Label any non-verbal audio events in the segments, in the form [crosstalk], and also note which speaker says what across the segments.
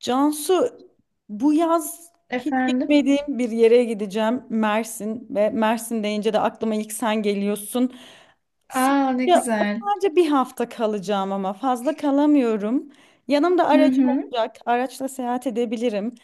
Speaker 1: Cansu, bu yaz hiç
Speaker 2: Efendim?
Speaker 1: gitmediğim bir yere gideceğim. Mersin ve Mersin deyince de aklıma ilk sen geliyorsun.
Speaker 2: Aa, ne
Speaker 1: Sadece,
Speaker 2: güzel.
Speaker 1: sadece bir hafta kalacağım ama fazla kalamıyorum. Yanımda
Speaker 2: Hı
Speaker 1: aracım
Speaker 2: hı.
Speaker 1: olacak. Araçla seyahat edebilirim.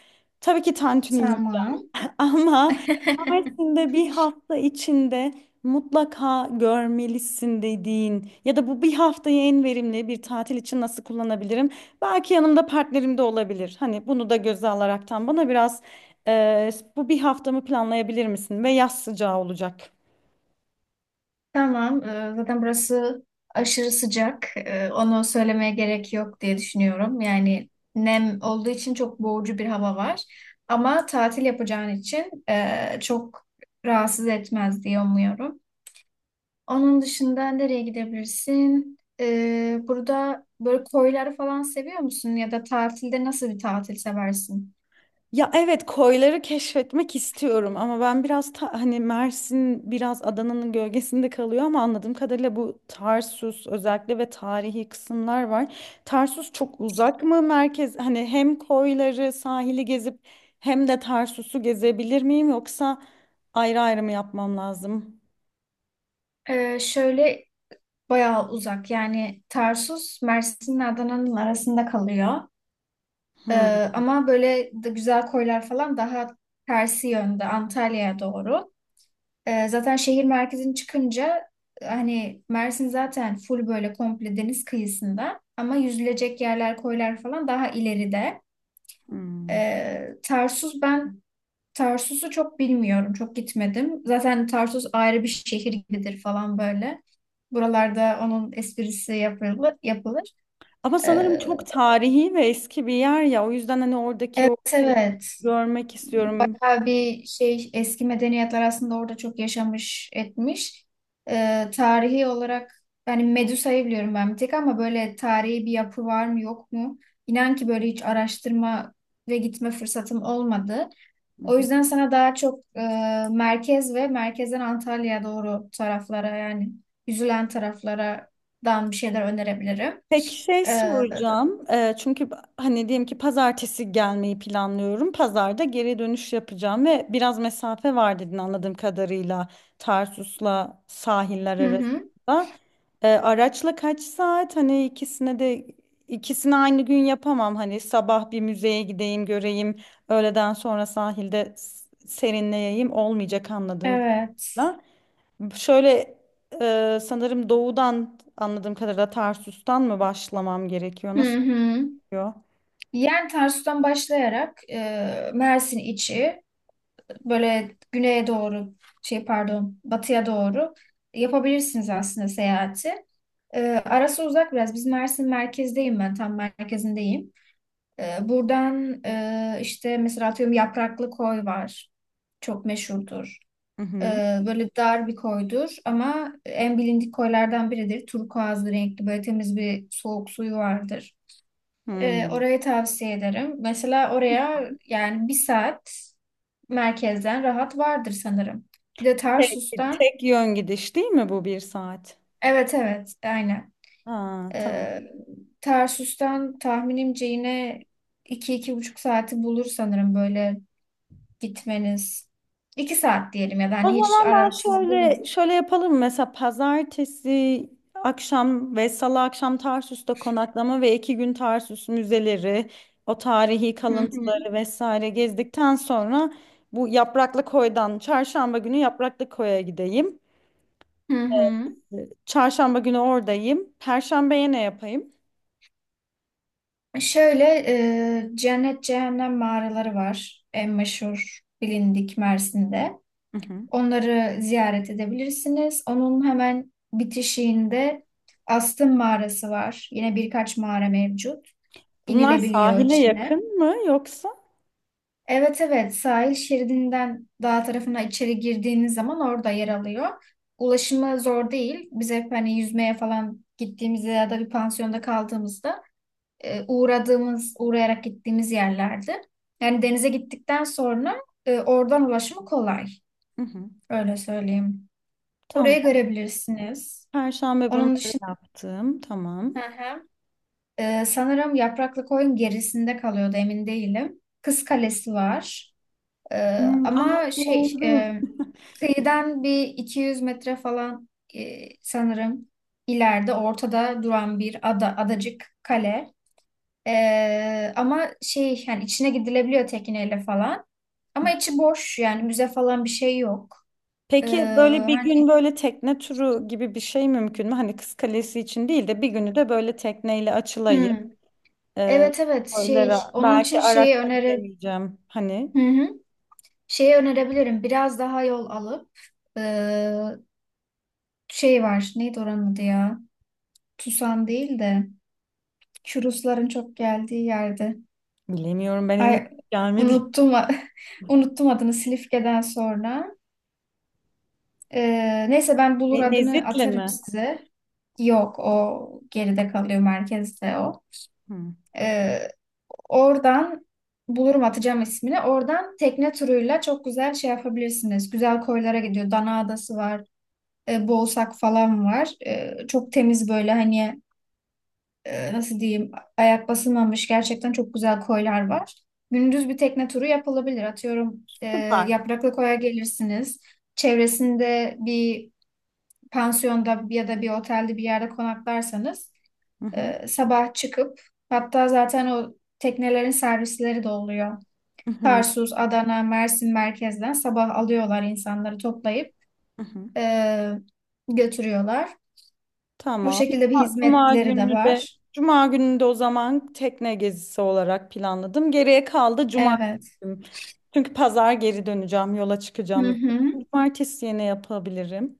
Speaker 1: Tabii ki tantuni.
Speaker 2: Tamam.
Speaker 1: [laughs] Ama
Speaker 2: [laughs]
Speaker 1: Mersin'de bir hafta içinde mutlaka görmelisin dediğin ya da bu bir haftayı en verimli bir tatil için nasıl kullanabilirim? Belki yanımda partnerim de olabilir. Hani bunu da göze alaraktan bana biraz e, bu bir haftamı planlayabilir misin? Ve yaz sıcağı olacak.
Speaker 2: Tamam. Zaten burası aşırı sıcak. Onu söylemeye gerek yok diye düşünüyorum. Yani nem olduğu için çok boğucu bir hava var. Ama tatil yapacağın için çok rahatsız etmez diye umuyorum. Onun dışında nereye gidebilirsin? Burada böyle koyları falan seviyor musun? Ya da tatilde nasıl bir tatil seversin?
Speaker 1: Ya evet, koyları keşfetmek istiyorum ama ben biraz hani Mersin biraz Adana'nın gölgesinde kalıyor ama anladığım kadarıyla bu Tarsus özellikle ve tarihi kısımlar var. Tarsus çok uzak mı merkez, hani hem koyları, sahili gezip hem de Tarsus'u gezebilir miyim, yoksa ayrı ayrı mı yapmam lazım?
Speaker 2: Şöyle, bayağı uzak yani. Tarsus Mersin'le Adana'nın arasında kalıyor. Ee,
Speaker 1: Hmm,
Speaker 2: Ama böyle de güzel koylar falan daha tersi yönde, Antalya'ya doğru. Zaten şehir merkezini çıkınca hani Mersin zaten full, böyle komple deniz kıyısında, ama yüzülecek yerler, koylar falan daha ileride.
Speaker 1: hmm.
Speaker 2: Ee, Tarsus ben Tarsus'u çok bilmiyorum, çok gitmedim. Zaten Tarsus ayrı bir şehir gibidir falan böyle. Buralarda onun esprisi yapılır, yapılır.
Speaker 1: Ama sanırım
Speaker 2: Ee,
Speaker 1: çok tarihi ve eski bir yer ya, o yüzden hani oradaki
Speaker 2: evet,
Speaker 1: o şeyi
Speaker 2: evet.
Speaker 1: görmek istiyorum.
Speaker 2: Bayağı bir şey, eski medeniyetler aslında orada çok yaşamış etmiş. Tarihi olarak yani Medusa'yı biliyorum ben bir tek, ama böyle tarihi bir yapı var mı yok mu? İnan ki böyle hiç araştırma ve gitme fırsatım olmadı. O yüzden sana daha çok merkez ve merkezden Antalya'ya doğru taraflara, yani yüzülen taraflardan bir şeyler önerebilirim.
Speaker 1: Peki şey
Speaker 2: Ee,
Speaker 1: soracağım. Çünkü hani diyelim ki pazartesi gelmeyi planlıyorum. Pazarda geri dönüş yapacağım ve biraz mesafe var dedin anladığım kadarıyla Tarsus'la sahiller
Speaker 2: hı hı.
Speaker 1: arasında. Araçla kaç saat? Hani ikisine de ikisini aynı gün yapamam. Hani sabah bir müzeye gideyim, göreyim. Öğleden sonra sahilde serinleyeyim olmayacak anladığım
Speaker 2: Evet.
Speaker 1: kadarıyla. Şöyle sanırım doğudan anladığım kadarıyla Tarsus'tan mı başlamam gerekiyor?
Speaker 2: Hı
Speaker 1: Nasıl
Speaker 2: hı.
Speaker 1: yapıyor?
Speaker 2: Yani Tarsus'tan başlayarak Mersin içi, böyle güneye doğru, şey, pardon, batıya doğru yapabilirsiniz aslında seyahati. Arası uzak biraz. Biz Mersin merkezdeyim, ben tam merkezindeyim. Buradan işte mesela atıyorum, Yapraklı Koy var. Çok meşhurdur.
Speaker 1: Hı
Speaker 2: E,
Speaker 1: hı.
Speaker 2: Böyle dar bir koydur ama en bilindik koylardan biridir. Turkuazlı renkli, böyle temiz bir soğuk suyu vardır.
Speaker 1: Hmm.
Speaker 2: Orayı tavsiye ederim. Mesela oraya yani 1 saat merkezden rahat vardır sanırım. Bir de
Speaker 1: Tek,
Speaker 2: Tarsus'tan,
Speaker 1: tek yön gidiş değil mi bu bir saat?
Speaker 2: evet evet, aynen.
Speaker 1: Ha, tamam.
Speaker 2: Ee, Tarsus'tan tahminimce yine iki, iki buçuk saati bulur sanırım böyle gitmeniz. 2 saat diyelim ya da
Speaker 1: O
Speaker 2: hani, hiç
Speaker 1: zaman ben
Speaker 2: aralıksız değil mi?
Speaker 1: şöyle şöyle yapalım. Mesela pazartesi akşam ve salı akşam Tarsus'ta konaklama ve 2 gün Tarsus müzeleri, o tarihi
Speaker 2: Hı hı.
Speaker 1: kalıntıları vesaire gezdikten sonra bu Yapraklı Koy'dan çarşamba günü Yapraklı Koy'a gideyim.
Speaker 2: Hı hı.
Speaker 1: Çarşamba günü oradayım. Perşembeye ne yapayım?
Speaker 2: Şöyle, cennet cehennem mağaraları var. En meşhur bilindik Mersin'de.
Speaker 1: Hı hı.
Speaker 2: Onları ziyaret edebilirsiniz. Onun hemen bitişiğinde Astın Mağarası var. Yine birkaç mağara mevcut.
Speaker 1: Bunlar
Speaker 2: İnilebiliyor
Speaker 1: sahile
Speaker 2: içine.
Speaker 1: yakın mı yoksa?
Speaker 2: Evet evet, sahil şeridinden dağ tarafına içeri girdiğiniz zaman orada yer alıyor. Ulaşımı zor değil. Biz hep hani yüzmeye falan gittiğimizde ya da bir pansiyonda kaldığımızda uğradığımız, uğrayarak gittiğimiz yerlerdi. Yani denize gittikten sonra oradan ulaşımı kolay.
Speaker 1: Hı hı.
Speaker 2: Öyle söyleyeyim. Oraya
Speaker 1: Tamam.
Speaker 2: görebilirsiniz.
Speaker 1: Perşembe
Speaker 2: Onun
Speaker 1: bunları
Speaker 2: dışında,
Speaker 1: yaptım. Tamam.
Speaker 2: hı hı, sanırım Yapraklı Koyun gerisinde kalıyordu, emin değilim. Kız Kalesi var. E,
Speaker 1: Hmm, aa,
Speaker 2: ama şey,
Speaker 1: doğru.
Speaker 2: kıyıdan bir 200 metre falan sanırım ileride, ortada duran bir ada, adacık kale. Ama şey, yani içine gidilebiliyor tekneyle falan. Ama içi boş, yani müze falan bir şey yok. E,
Speaker 1: Peki böyle bir gün
Speaker 2: Hani
Speaker 1: böyle tekne turu gibi bir şey mümkün mü? Hani Kız Kalesi için değil de bir günü de böyle tekneyle açılayı,
Speaker 2: hmm,
Speaker 1: e,
Speaker 2: evet evet, şey
Speaker 1: koylara
Speaker 2: onun için
Speaker 1: belki
Speaker 2: şeyi
Speaker 1: araçla
Speaker 2: öneri.
Speaker 1: gidemeyeceğim. Hani
Speaker 2: Hı hı. Şeyi önerebilirim. Biraz daha yol alıp eee, şey var. Neydi oranın adı ya? Tusan değil de şu Rusların çok geldiği yerde.
Speaker 1: bilemiyorum, ben
Speaker 2: Ay,
Speaker 1: henüz gelmedi.
Speaker 2: unuttum [laughs] unuttum adını, Silifke'den sonra. Neyse, ben bulur adını
Speaker 1: Nezit'le
Speaker 2: atarım
Speaker 1: mi?
Speaker 2: size. Yok, o geride kalıyor, merkezde o.
Speaker 1: Hı.
Speaker 2: Eee, Oradan bulurum, atacağım ismini. Oradan tekne turuyla çok güzel şey yapabilirsiniz. Güzel koylara gidiyor. Dana Adası var. Boğsak falan var. Çok temiz böyle, hani nasıl diyeyim, ayak basılmamış gerçekten çok güzel koylar var. Gündüz bir tekne turu yapılabilir. Atıyorum,
Speaker 1: Süper.
Speaker 2: Yapraklı Koy'a gelirsiniz. Çevresinde bir pansiyonda ya da bir otelde bir yerde konaklarsanız,
Speaker 1: Hı hı,
Speaker 2: sabah çıkıp, hatta zaten o teknelerin servisleri de oluyor.
Speaker 1: hı hı,
Speaker 2: Tarsus, Adana, Mersin merkezden sabah alıyorlar insanları, toplayıp
Speaker 1: hı hı.
Speaker 2: e, götürüyorlar. O
Speaker 1: Tamam.
Speaker 2: şekilde bir
Speaker 1: Cuma, Cuma
Speaker 2: hizmetleri de
Speaker 1: günü de
Speaker 2: var.
Speaker 1: Cuma günü de o zaman tekne gezisi olarak planladım. Geriye kaldı cumartesi
Speaker 2: Evet.
Speaker 1: günü. Çünkü pazar geri döneceğim, yola
Speaker 2: Hı
Speaker 1: çıkacağım
Speaker 2: hı.
Speaker 1: zaten. Cumartesi yine yapabilirim.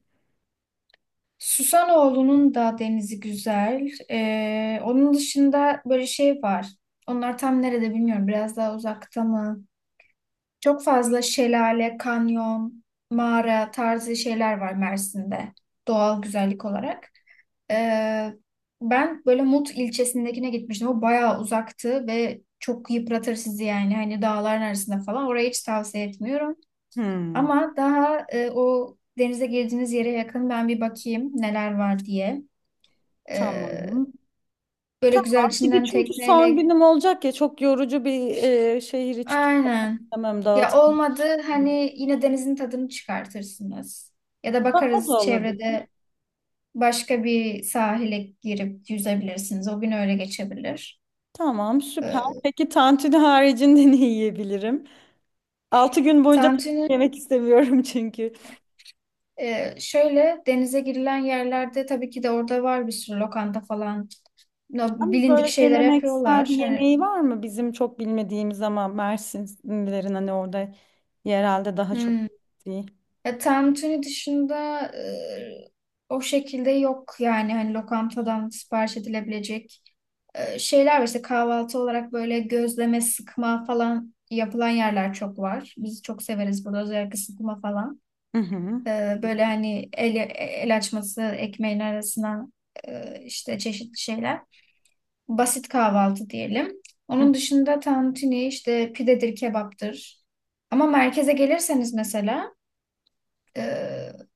Speaker 2: Susanoğlu'nun da denizi güzel. Onun dışında böyle şey var. Onlar tam nerede bilmiyorum. Biraz daha uzakta mı? Çok fazla şelale, kanyon, mağara tarzı şeyler var Mersin'de. Doğal güzellik olarak. Ee, ben böyle Mut ilçesindekine gitmiştim. O bayağı uzaktı ve çok yıpratır sizi yani. Hani dağların arasında falan. Orayı hiç tavsiye etmiyorum.
Speaker 1: Hmm,
Speaker 2: Ama daha o denize girdiğiniz yere yakın ben bir bakayım neler var diye. E,
Speaker 1: tamam.
Speaker 2: Böyle güzel,
Speaker 1: Tamam. Bir de
Speaker 2: içinden
Speaker 1: çünkü son
Speaker 2: tekneyle.
Speaker 1: günüm olacak ya, çok yorucu bir şehir içi
Speaker 2: Aynen.
Speaker 1: istemem
Speaker 2: Ya
Speaker 1: dağıtım.
Speaker 2: olmadı hani yine denizin tadını çıkartırsınız. Ya da
Speaker 1: Ha, o
Speaker 2: bakarız
Speaker 1: da olabilir.
Speaker 2: çevrede başka bir sahile girip yüzebilirsiniz. O gün öyle geçebilir.
Speaker 1: Tamam, süper.
Speaker 2: E,
Speaker 1: Peki tantuni haricinde [laughs] ne yiyebilirim? 6 gün boyunca tavuk
Speaker 2: Tantuni,
Speaker 1: yemek istemiyorum [laughs] çünkü.
Speaker 2: şöyle denize girilen yerlerde tabii ki de orada var bir sürü lokanta falan.
Speaker 1: Ama
Speaker 2: Bilindik
Speaker 1: böyle
Speaker 2: şeyler
Speaker 1: geleneksel bir
Speaker 2: yapıyorlar. Hani,
Speaker 1: yemeği var mı? Bizim çok bilmediğimiz ama Mersinlilerin hani orada yerelde daha çok
Speaker 2: hmm.
Speaker 1: bildiği.
Speaker 2: Ya, tantuni dışında o şekilde yok, yani hani lokantadan sipariş edilebilecek şeyler var. İşte kahvaltı olarak böyle gözleme, sıkma falan yapılan yerler çok var. Biz çok severiz burada, özellikle sıkma falan.
Speaker 1: Hı hı.
Speaker 2: Böyle hani el açması ekmeğin arasına işte çeşitli şeyler. Basit kahvaltı diyelim.
Speaker 1: Hı.
Speaker 2: Onun dışında tantuni işte, pidedir, kebaptır. Ama merkeze gelirseniz mesela ee,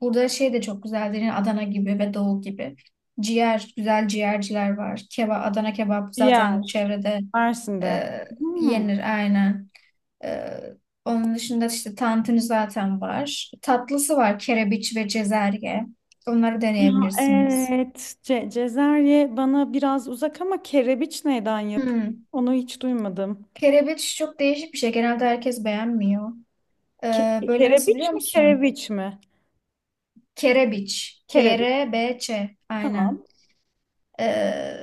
Speaker 2: burada şey de çok güzeldir. Yani Adana gibi ve Doğu gibi. Ciğer, güzel ciğerciler var. Adana kebap
Speaker 1: Ciğer,
Speaker 2: zaten çevrede
Speaker 1: Mersin'de.
Speaker 2: e,
Speaker 1: Hmm.
Speaker 2: yenir, aynen. Ee, onun dışında işte tantuni zaten var. Tatlısı var, kerebiç ve cezerye. Onları
Speaker 1: Ya
Speaker 2: deneyebilirsiniz.
Speaker 1: evet, cezerye bana biraz uzak ama kerebiç neyden yap?
Speaker 2: Hmm.
Speaker 1: Onu hiç duymadım.
Speaker 2: Kerebiç çok değişik bir şey. Genelde herkes beğenmiyor.
Speaker 1: Ke
Speaker 2: Böyle nasıl biliyor
Speaker 1: kerebiç mi,
Speaker 2: musun?
Speaker 1: kereviç mi?
Speaker 2: Kerebiç.
Speaker 1: Kerebiç,
Speaker 2: KRBÇ. Aynen.
Speaker 1: tamam.
Speaker 2: Ee,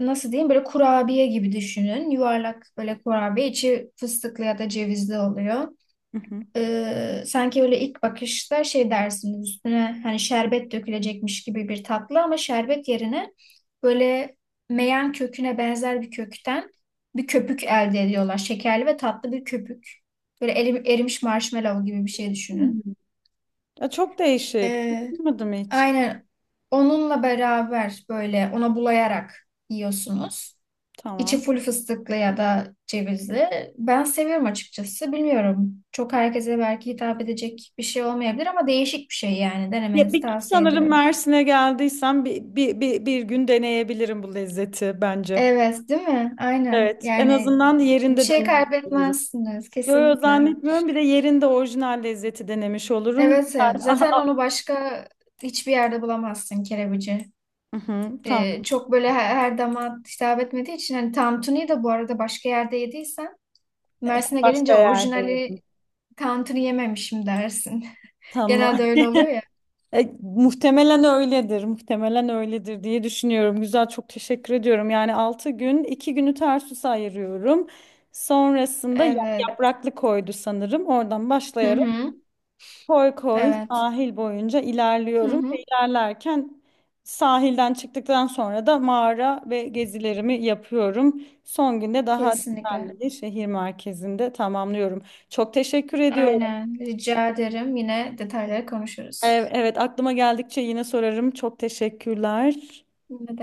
Speaker 2: nasıl diyeyim, böyle kurabiye gibi düşünün. Yuvarlak böyle kurabiye, içi fıstıklı ya da cevizli oluyor.
Speaker 1: Hı hı.
Speaker 2: Sanki öyle ilk bakışta şey dersiniz, üstüne hani şerbet dökülecekmiş gibi bir tatlı, ama şerbet yerine böyle meyan köküne benzer bir kökten bir köpük elde ediyorlar. Şekerli ve tatlı bir köpük. Böyle erimiş marshmallow gibi bir şey düşünün.
Speaker 1: Hmm. Ya çok değişik,
Speaker 2: Ee,
Speaker 1: duymadım hiç.
Speaker 2: aynen, onunla beraber böyle ona bulayarak yiyorsunuz. İçi
Speaker 1: Tamam.
Speaker 2: full fıstıklı ya da cevizli. Ben seviyorum açıkçası. Bilmiyorum. Çok herkese belki hitap edecek bir şey olmayabilir ama değişik bir şey yani.
Speaker 1: Ya
Speaker 2: Denemenizi
Speaker 1: bir
Speaker 2: tavsiye
Speaker 1: sanırım
Speaker 2: ediyorum.
Speaker 1: Mersin'e geldiysem bir gün deneyebilirim bu lezzeti bence.
Speaker 2: Evet, değil mi? Aynen.
Speaker 1: Evet, en
Speaker 2: Yani
Speaker 1: azından
Speaker 2: bir
Speaker 1: yerinde
Speaker 2: şey
Speaker 1: denemiş olurum.
Speaker 2: kaybetmezsiniz
Speaker 1: Yo, yo,
Speaker 2: kesinlikle.
Speaker 1: zannetmiyorum. Bir de yerinde orijinal lezzeti denemiş olurum.
Speaker 2: Evet,
Speaker 1: Güzel.
Speaker 2: evet.
Speaker 1: Aha,
Speaker 2: Zaten
Speaker 1: aha.
Speaker 2: onu başka hiçbir yerde bulamazsın, kerebici.
Speaker 1: Hı hı, tamam.
Speaker 2: Çok böyle her dama hitap etmediği için, hani tantuniyi de bu arada başka yerde yediysen, Mersin'e
Speaker 1: Başka
Speaker 2: gelince
Speaker 1: yerde
Speaker 2: orijinali
Speaker 1: yerim.
Speaker 2: tantuni yememişim dersin.
Speaker 1: Tamam.
Speaker 2: Genelde öyle oluyor ya.
Speaker 1: E, muhtemelen öyledir, muhtemelen öyledir diye düşünüyorum. Güzel, çok teşekkür ediyorum. Yani 6 gün, 2 günü tersus ayırıyorum. Sonrasında
Speaker 2: Evet.
Speaker 1: yapraklı koydu sanırım. Oradan
Speaker 2: Hı
Speaker 1: başlayarak
Speaker 2: hı.
Speaker 1: koy koy
Speaker 2: Evet.
Speaker 1: sahil boyunca
Speaker 2: Hı
Speaker 1: ilerliyorum ve
Speaker 2: hı.
Speaker 1: ilerlerken sahilden çıktıktan sonra da mağara ve gezilerimi yapıyorum. Son günde daha
Speaker 2: Kesinlikle.
Speaker 1: düzenli bir şehir merkezinde tamamlıyorum. Çok teşekkür ediyorum.
Speaker 2: Aynen. Rica ederim. Yine detayları konuşuruz.
Speaker 1: Evet, aklıma geldikçe yine sorarım. Çok teşekkürler.
Speaker 2: Ne demek?